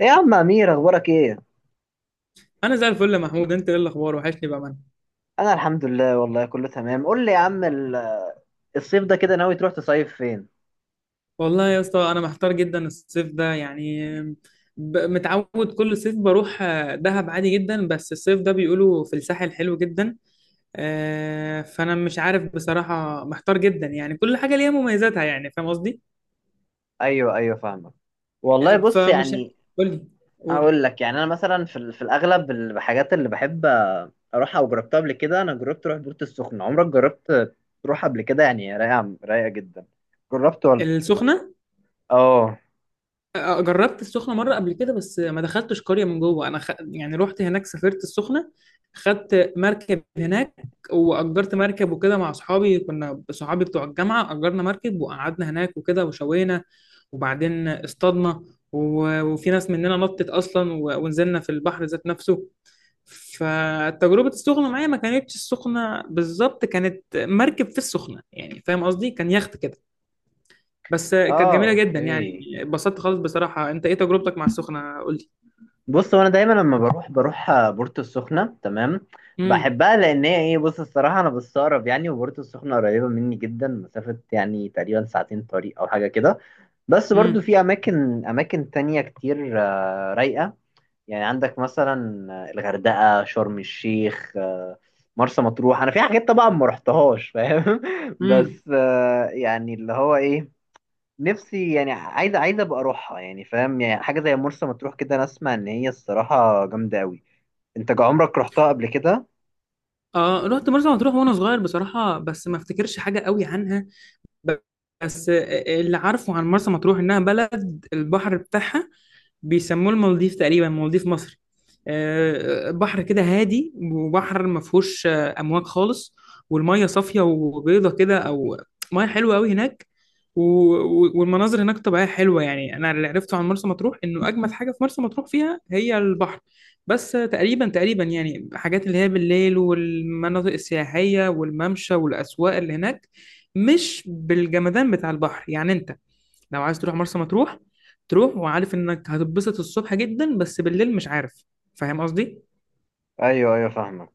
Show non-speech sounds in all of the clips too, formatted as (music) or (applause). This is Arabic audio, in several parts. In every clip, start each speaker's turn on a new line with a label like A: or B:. A: ايه يا عم امير اخبارك ايه؟
B: انا زي الفل يا محمود، انت ايه الاخبار؟ وحشني بامانه.
A: انا الحمد لله، والله كله تمام. قول لي يا عم الصيف ده كده ناوي تروح تصيف فين؟
B: والله يا اسطى انا محتار جدا الصيف ده، يعني متعود كل صيف بروح، دهب عادي جدا، بس الصيف ده بيقولوا في الساحل حلو جدا. فانا مش عارف بصراحه، محتار جدا، يعني كل حاجه ليها مميزاتها، يعني فاهم قصدي.
A: ايوه ايوه، فاهمك.
B: آه،
A: والله بص
B: فمش
A: يعني،
B: قول لي، قول.
A: هقول لك يعني انا مثلا في الاغلب الحاجات اللي بحب اروحها او جربتها قبل كده. انا جربت اروح بورتو السخنه. عمرك جربت تروح قبل كده؟ يعني رايقه رايقه جدا. جربت ولا؟
B: السخنه؟
A: اه
B: جربت السخنة مرة قبل كده، بس ما دخلتش قرية من جوه. أنا يعني رحت هناك، سافرت السخنة، خدت مركب هناك وأجرت مركب وكده مع أصحابي، كنا صحابي بتوع الجامعة، أجرنا مركب وقعدنا هناك وكده وشوينا، وبعدين اصطادنا وفي ناس مننا نطت أصلا ونزلنا في البحر ذات نفسه. فتجربة السخنة معايا ما كانتش السخنة بالظبط، كانت مركب في السخنة، يعني فاهم قصدي، كان يخت كده، بس كانت
A: اه،
B: جميله جدا، يعني
A: اوكي.
B: اتبسطت خالص بصراحه. انت ايه تجربتك مع السخنه؟ قول لي.
A: بص، هو انا دايما لما بروح بورتو السخنه. تمام،
B: امم.
A: بحبها لان هي ايه، بص الصراحه انا بستغرب يعني، وبورتو السخنه قريبه مني جدا، مسافه يعني تقريبا ساعتين طريق او حاجه كده. بس برضو
B: امم.
A: في اماكن تانية كتير رايقه. يعني عندك مثلا الغردقه، شرم الشيخ، مرسى مطروح. انا في حاجات طبعا ما رحتهاش، فاهم؟ (laughs)
B: امم.
A: بس يعني اللي هو ايه، نفسي يعني عايزه عايزه ابقى اروحها، يعني فاهم؟ يعني حاجه زي مرسى مطروح كده، انا اسمع ان هي الصراحه جامده قوي. انت عمرك رحتها قبل كده؟
B: اه، رحت مرسى مطروح وانا صغير بصراحه، بس ما افتكرش حاجه قوي عنها. ب- بس اللي عارفه عن مرسى مطروح انها بلد البحر بتاعها بيسموه المالديف تقريبا، مالديف مصر. بحر كده هادي، وبحر ما فيهوش امواج خالص، والميه صافيه وبيضه كده، او ميه حلوه قوي هناك، والمناظر هناك طبيعيه حلوه. يعني انا اللي عرفته عن مرسى مطروح انه اجمد حاجه في مرسى مطروح فيها هي البحر، بس تقريبا تقريبا يعني حاجات اللي هي بالليل والمناطق السياحيه والممشى والاسواق اللي هناك مش بالجمدان بتاع البحر. يعني انت لو عايز تروح مرسى مطروح، تروح وعارف انك هتتبسط الصبح جدا، بس بالليل مش عارف، فاهم قصدي.
A: ايوه ايوه، فاهمك.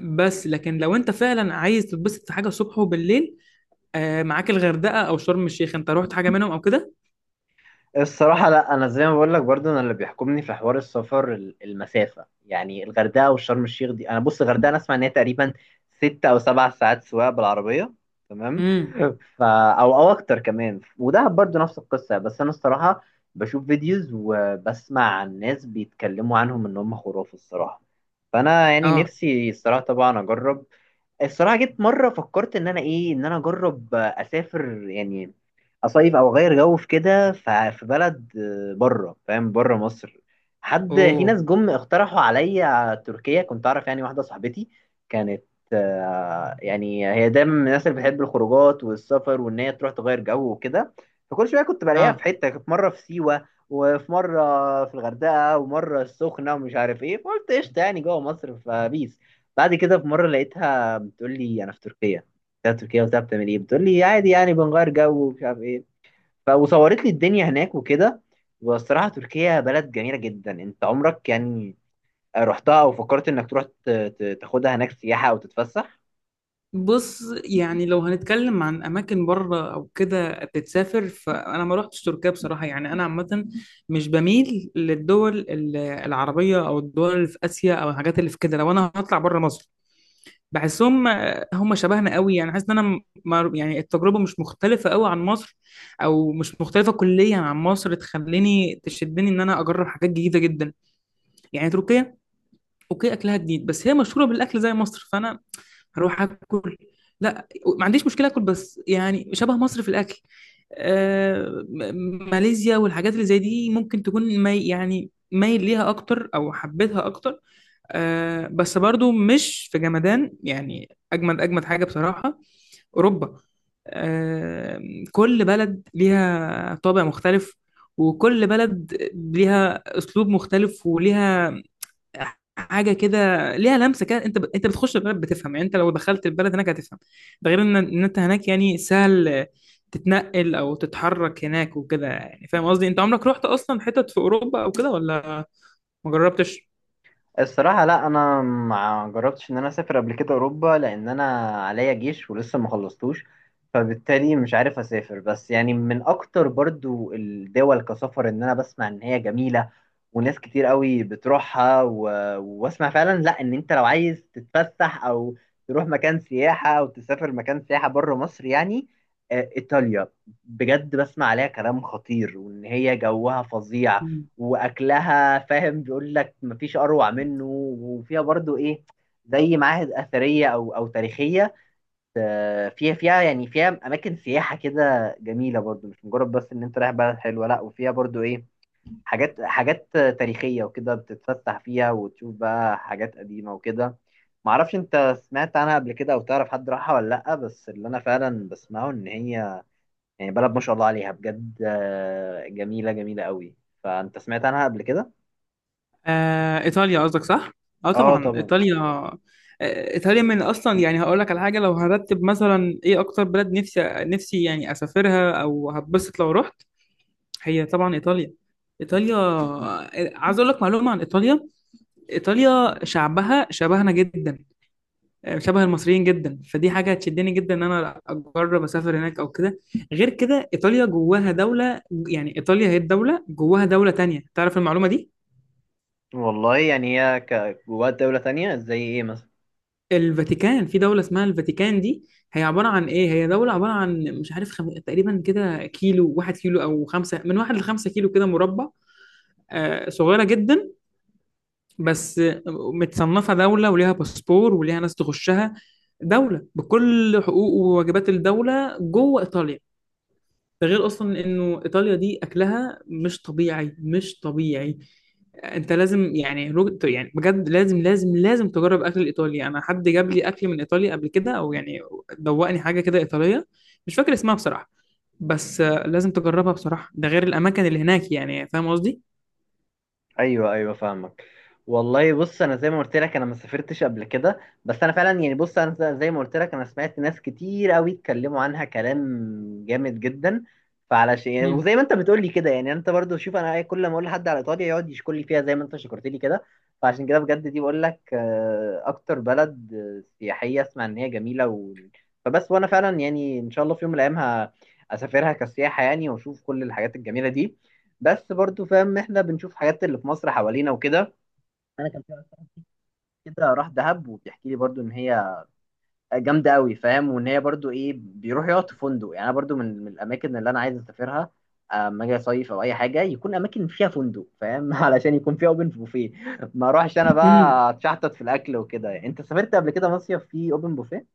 B: بس لكن لو انت فعلا عايز تتبسط في حاجه الصبح وبالليل، آه معاك الغردقه او شرم الشيخ. انت رحت حاجه منهم او كده؟
A: الصراحة لا، أنا زي ما بقول لك، برضو أنا اللي بيحكمني في حوار السفر المسافة. يعني الغردقة والشرم الشيخ دي، أنا بص الغردقة أنا أسمع إن هي تقريبا 6 أو 7 ساعات سواقة بالعربية، تمام؟
B: امم.
A: ف (laughs) أو أكتر كمان. ودهب برضو نفس القصة. بس أنا الصراحة بشوف فيديوز وبسمع عن ناس بيتكلموا عنهم إن هم خرافة الصراحة. فأنا يعني
B: اه.
A: نفسي الصراحة طبعا أجرب. الصراحة جيت مرة فكرت إن أنا إيه، إن أنا أجرب أسافر يعني، اصيف او اغير جو في كده. في بلد بره، فاهم؟ بره مصر. حد في
B: اوه.
A: ناس جم اقترحوا عليا تركيا. كنت اعرف يعني واحده صاحبتي كانت يعني هي دايما من الناس اللي بتحب الخروجات والسفر، وان هي تروح تغير جو وكده. فكل شويه كنت بلاقيها في
B: اه.
A: حته، كانت مره في سيوه، وفي مره في الغردقه، ومره السخنه، ومش عارف ايه. فقلت قشطه يعني، جوه مصر فبيس. بعد كده في مره لقيتها بتقول لي انا في تركيا. قلت لها تركيا وبتاع، بتعمل ايه؟ بتقول لي عادي يعني، بنغير جو ومش عارف ايه. وصورت لي الدنيا هناك وكده. والصراحة تركيا بلد جميلة جدا. انت عمرك يعني رحتها او فكرت انك تروح تاخدها هناك سياحة او تتفسح؟
B: بص، يعني لو هنتكلم عن اماكن بره او كده تتسافر، فانا ما رحتش تركيا بصراحه. يعني انا عامه مش بميل للدول العربيه او الدول اللي في اسيا او الحاجات اللي في كده. لو انا هطلع بره مصر بحسهم هم شبهنا قوي، يعني حاسس ان انا يعني التجربه مش مختلفه قوي عن مصر، او مش مختلفه كليا عن مصر تخليني تشدني ان انا اجرب حاجات جديده جدا. يعني تركيا اوكي اكلها جديد، بس هي مشهوره بالاكل زي مصر، فانا هروح اكل، لا، ما عنديش مشكله اكل، بس يعني شبه مصر في الاكل. آه ماليزيا والحاجات اللي زي دي ممكن تكون مي، يعني مايل ليها اكتر او حبيتها اكتر. آه بس برضو مش في جمدان، يعني اجمد اجمد حاجه بصراحه اوروبا. آه، كل بلد ليها طابع مختلف، وكل بلد ليها اسلوب مختلف وليها حاجه كده، ليها لمسه كده. انت بتخش البلد بتفهم، يعني انت لو دخلت البلد هناك هتفهم. ده غير ان انت هناك يعني سهل تتنقل او تتحرك هناك وكده، يعني فاهم قصدي. انت عمرك رحت اصلا حتت في اوروبا او كده، ولا ما جربتش؟
A: الصراحة لا، أنا ما جربتش إن أنا أسافر قبل كده أوروبا، لأن أنا عليا جيش ولسه ما خلصتوش، فبالتالي مش عارف أسافر. بس يعني من أكتر برضو الدول كسفر إن أنا بسمع إن هي جميلة وناس كتير قوي بتروحها، و... وأسمع فعلا، لا، إن أنت لو عايز تتفسح أو تروح مكان سياحة أو تسافر مكان سياحة بره مصر يعني، إيطاليا. بجد بسمع عليها كلام خطير، وإن هي جوها فظيع، واكلها فاهم بيقول لك مفيش اروع منه. وفيها برضو ايه، زي معاهد اثريه او تاريخيه. فيها يعني فيها اماكن سياحه كده جميله. برضو مش مجرد بس ان انت رايح بلد حلوه، لا، وفيها برضو ايه، حاجات تاريخيه وكده، بتتفسح فيها وتشوف بقى حاجات قديمه وكده. معرفش انت سمعت عنها قبل كده او تعرف حد راحها ولا لا، بس اللي انا فعلا بسمعه ان هي يعني بلد ما شاء الله عليها بجد، جميله جميله قوي. فانت سمعت عنها قبل كده؟
B: ايطاليا قصدك صح؟ اه
A: اه
B: طبعا
A: طبعا.
B: ايطاليا، ايطاليا من اصلا، يعني هقول لك على حاجه، لو هرتب مثلا ايه اكتر بلد نفسي نفسي يعني اسافرها او هتبسط لو رحت، هي طبعا ايطاليا. ايطاليا، عايز اقول لك معلومه عن ايطاليا. ايطاليا شعبها شبهنا جدا، شبه المصريين جدا، فدي حاجه هتشدني جدا ان انا اجرب اسافر هناك او كده. غير كده ايطاليا جواها دوله، يعني ايطاليا هي الدوله جواها دوله تانية، تعرف المعلومه دي؟
A: والله يعني هي جواها دولة تانية زي ايه؟
B: الفاتيكان، في دولة اسمها الفاتيكان. دي هي عبارة عن ايه؟ هي دولة عبارة عن، مش عارف، تقريبا كده كيلو، 1 كيلو او 5، من واحد لـ5 كيلو كده مربع. صغيرة جدا، بس متصنفة دولة وليها باسبور وليها ناس تخشها، دولة بكل حقوق وواجبات الدولة جوه ايطاليا. ده غير اصلا انه ايطاليا دي اكلها مش طبيعي، مش طبيعي. انت لازم، يعني يعني بجد لازم لازم لازم تجرب اكل الايطالي. انا حد جاب لي اكل من ايطاليا قبل كده، او يعني دوقني حاجه كده ايطاليه، مش فاكر اسمها بصراحه، بس آه، لازم تجربها بصراحه. ده غير الاماكن اللي هناك، يعني فاهم قصدي.
A: ايوه ايوه، فاهمك. والله بص، انا زي ما قلت لك انا ما سافرتش قبل كده، بس انا فعلا يعني بص، انا زي ما قلت لك انا سمعت ناس كتير قوي اتكلموا عنها كلام جامد جدا. فعلى شيء،
B: مم.
A: وزي ما انت بتقول لي كده، يعني انت برضو شوف، انا كل ما اقول لحد على ايطاليا يقعد يشكر لي فيها زي ما انت شكرت لي كده. فعشان كده بجد دي بقول لك اكتر بلد سياحيه اسمع ان هي جميله، و... فبس، وانا فعلا يعني ان شاء الله في يوم من الايام اسافرها كسياحه يعني، واشوف كل الحاجات الجميله دي. بس برضو فاهم، احنا بنشوف حاجات اللي في مصر حوالينا وكده. انا كان في واحد صاحبي كده راح دهب وبيحكي لي برضو ان هي جامده قوي، فاهم؟ وان هي برضو ايه، بيروح يقعد في فندق. يعني انا برضو من الاماكن اللي انا عايز اسافرها اما اجي اصيف او اي حاجه، يكون اماكن فيها فندق، فاهم؟ (laughs) علشان يكون فيها اوبن بوفيه، ما اروحش انا
B: مم.
A: بقى اتشحطط في الاكل وكده. يعني انت سافرت قبل كده مصيف فيه اوبن بوفيه؟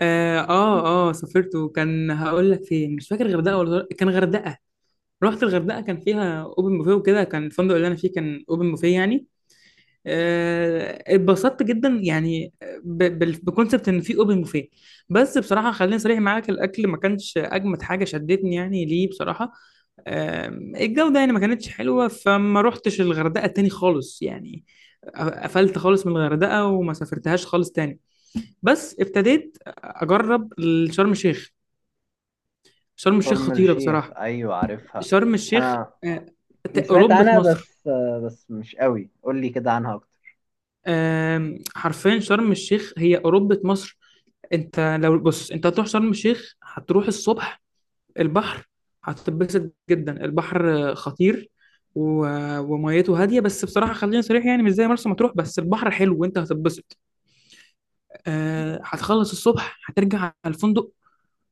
B: اه، اه، سافرت، وكان هقول لك فين، مش فاكر غردقه ولا كان غردقه. رحت الغردقه، كان فيها اوبن بوفيه وكده، كان الفندق اللي انا فيه كان اوبن بوفيه، يعني اتبسطت جدا، يعني بكونسبت ان في اوبن بوفيه. بس بصراحه خليني صريح معاك، الاكل ما كانش اجمد حاجه شدتني، يعني ليه بصراحه؟ الجوده يعني ما كانتش حلوه، فما روحتش الغردقه تاني خالص، يعني قفلت خالص من الغردقه وما سافرتهاش خالص تاني. بس ابتديت اجرب شرم الشيخ. شرم الشيخ
A: شرم
B: خطيره
A: الشيخ
B: بصراحه.
A: ايوه عارفها.
B: شرم الشيخ
A: انا
B: آه،
A: سمعت
B: اوروبه
A: عنها
B: مصر.
A: بس، بس مش قوي، قول لي كده عنها اكتر.
B: حرفيا شرم الشيخ هي اوروبه مصر. انت لو بص، انت هتروح شرم الشيخ هتروح الصبح البحر هتتبسط جدا، البحر خطير و... وميته هاديه، بس بصراحه خلينا صريح يعني مش زي مرسى مطروح، بس البحر حلو وانت هتتبسط. آه، هتخلص الصبح هترجع على الفندق،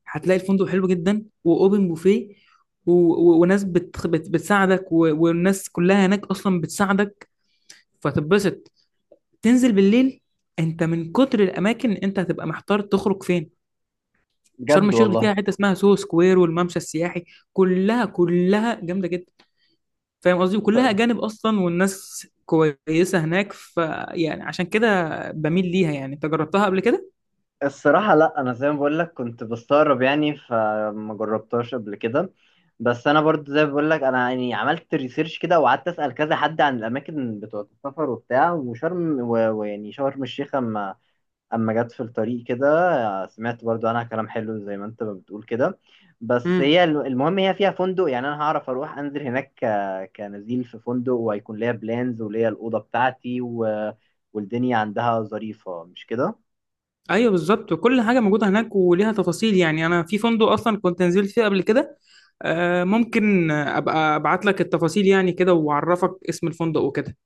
B: هتلاقي الفندق حلو جدا واوبن بوفيه وناس بتساعدك، والناس كلها هناك اصلا بتساعدك فتتبسط. تنزل بالليل، انت من كتر الاماكن انت هتبقى محتار تخرج فين. شرم
A: بجد
B: الشيخ دي فيها
A: والله.
B: حته اسمها سوهو سكوير والممشى السياحي، كلها كلها جامده جدا، فاهم قصدي، وكلها اجانب اصلا، والناس كويسه هناك، فيعني عشان كده بميل ليها. يعني انت جربتها قبل كده؟
A: الصراحة لا، أنا زي ما بقول لك كنت بستغرب يعني، فما جربتهاش قبل كده. بس أنا برضو زي ما بقول لك، أنا يعني عملت ريسيرش كده، وقعدت أسأل كذا حد عن الأماكن بتوع السفر وبتاع، وشرم ويعني شرم الشيخ أما جت في الطريق كده سمعت برضو عنها كلام حلو زي ما أنت ما بتقول كده. بس
B: امم.
A: هي المهم هي فيها فندق، يعني أنا هعرف أروح أنزل هناك كنزيل في فندق، وهيكون ليا بلانز وليا الأوضة بتاعتي و... والدنيا عندها ظريفة، مش كده؟
B: ايوه بالظبط، وكل حاجه موجوده هناك وليها تفاصيل. يعني انا في فندق اصلا كنت نزلت فيه قبل كده، آه، ممكن ابقى ابعت لك التفاصيل يعني كده، واعرفك اسم الفندق وكده.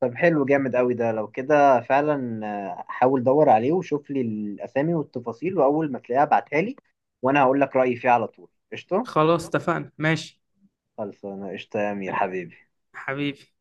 A: طب حلو، جامد قوي ده لو كده فعلا. حاول دور عليه وشوف لي الاسامي والتفاصيل، واول ما تلاقيها ابعتها لي، وانا هقول لك رايي فيه على طول، قشطه.
B: خلاص اتفقنا، ماشي.
A: خلصانه، قشطه يا امير حبيبي.
B: حبيبي.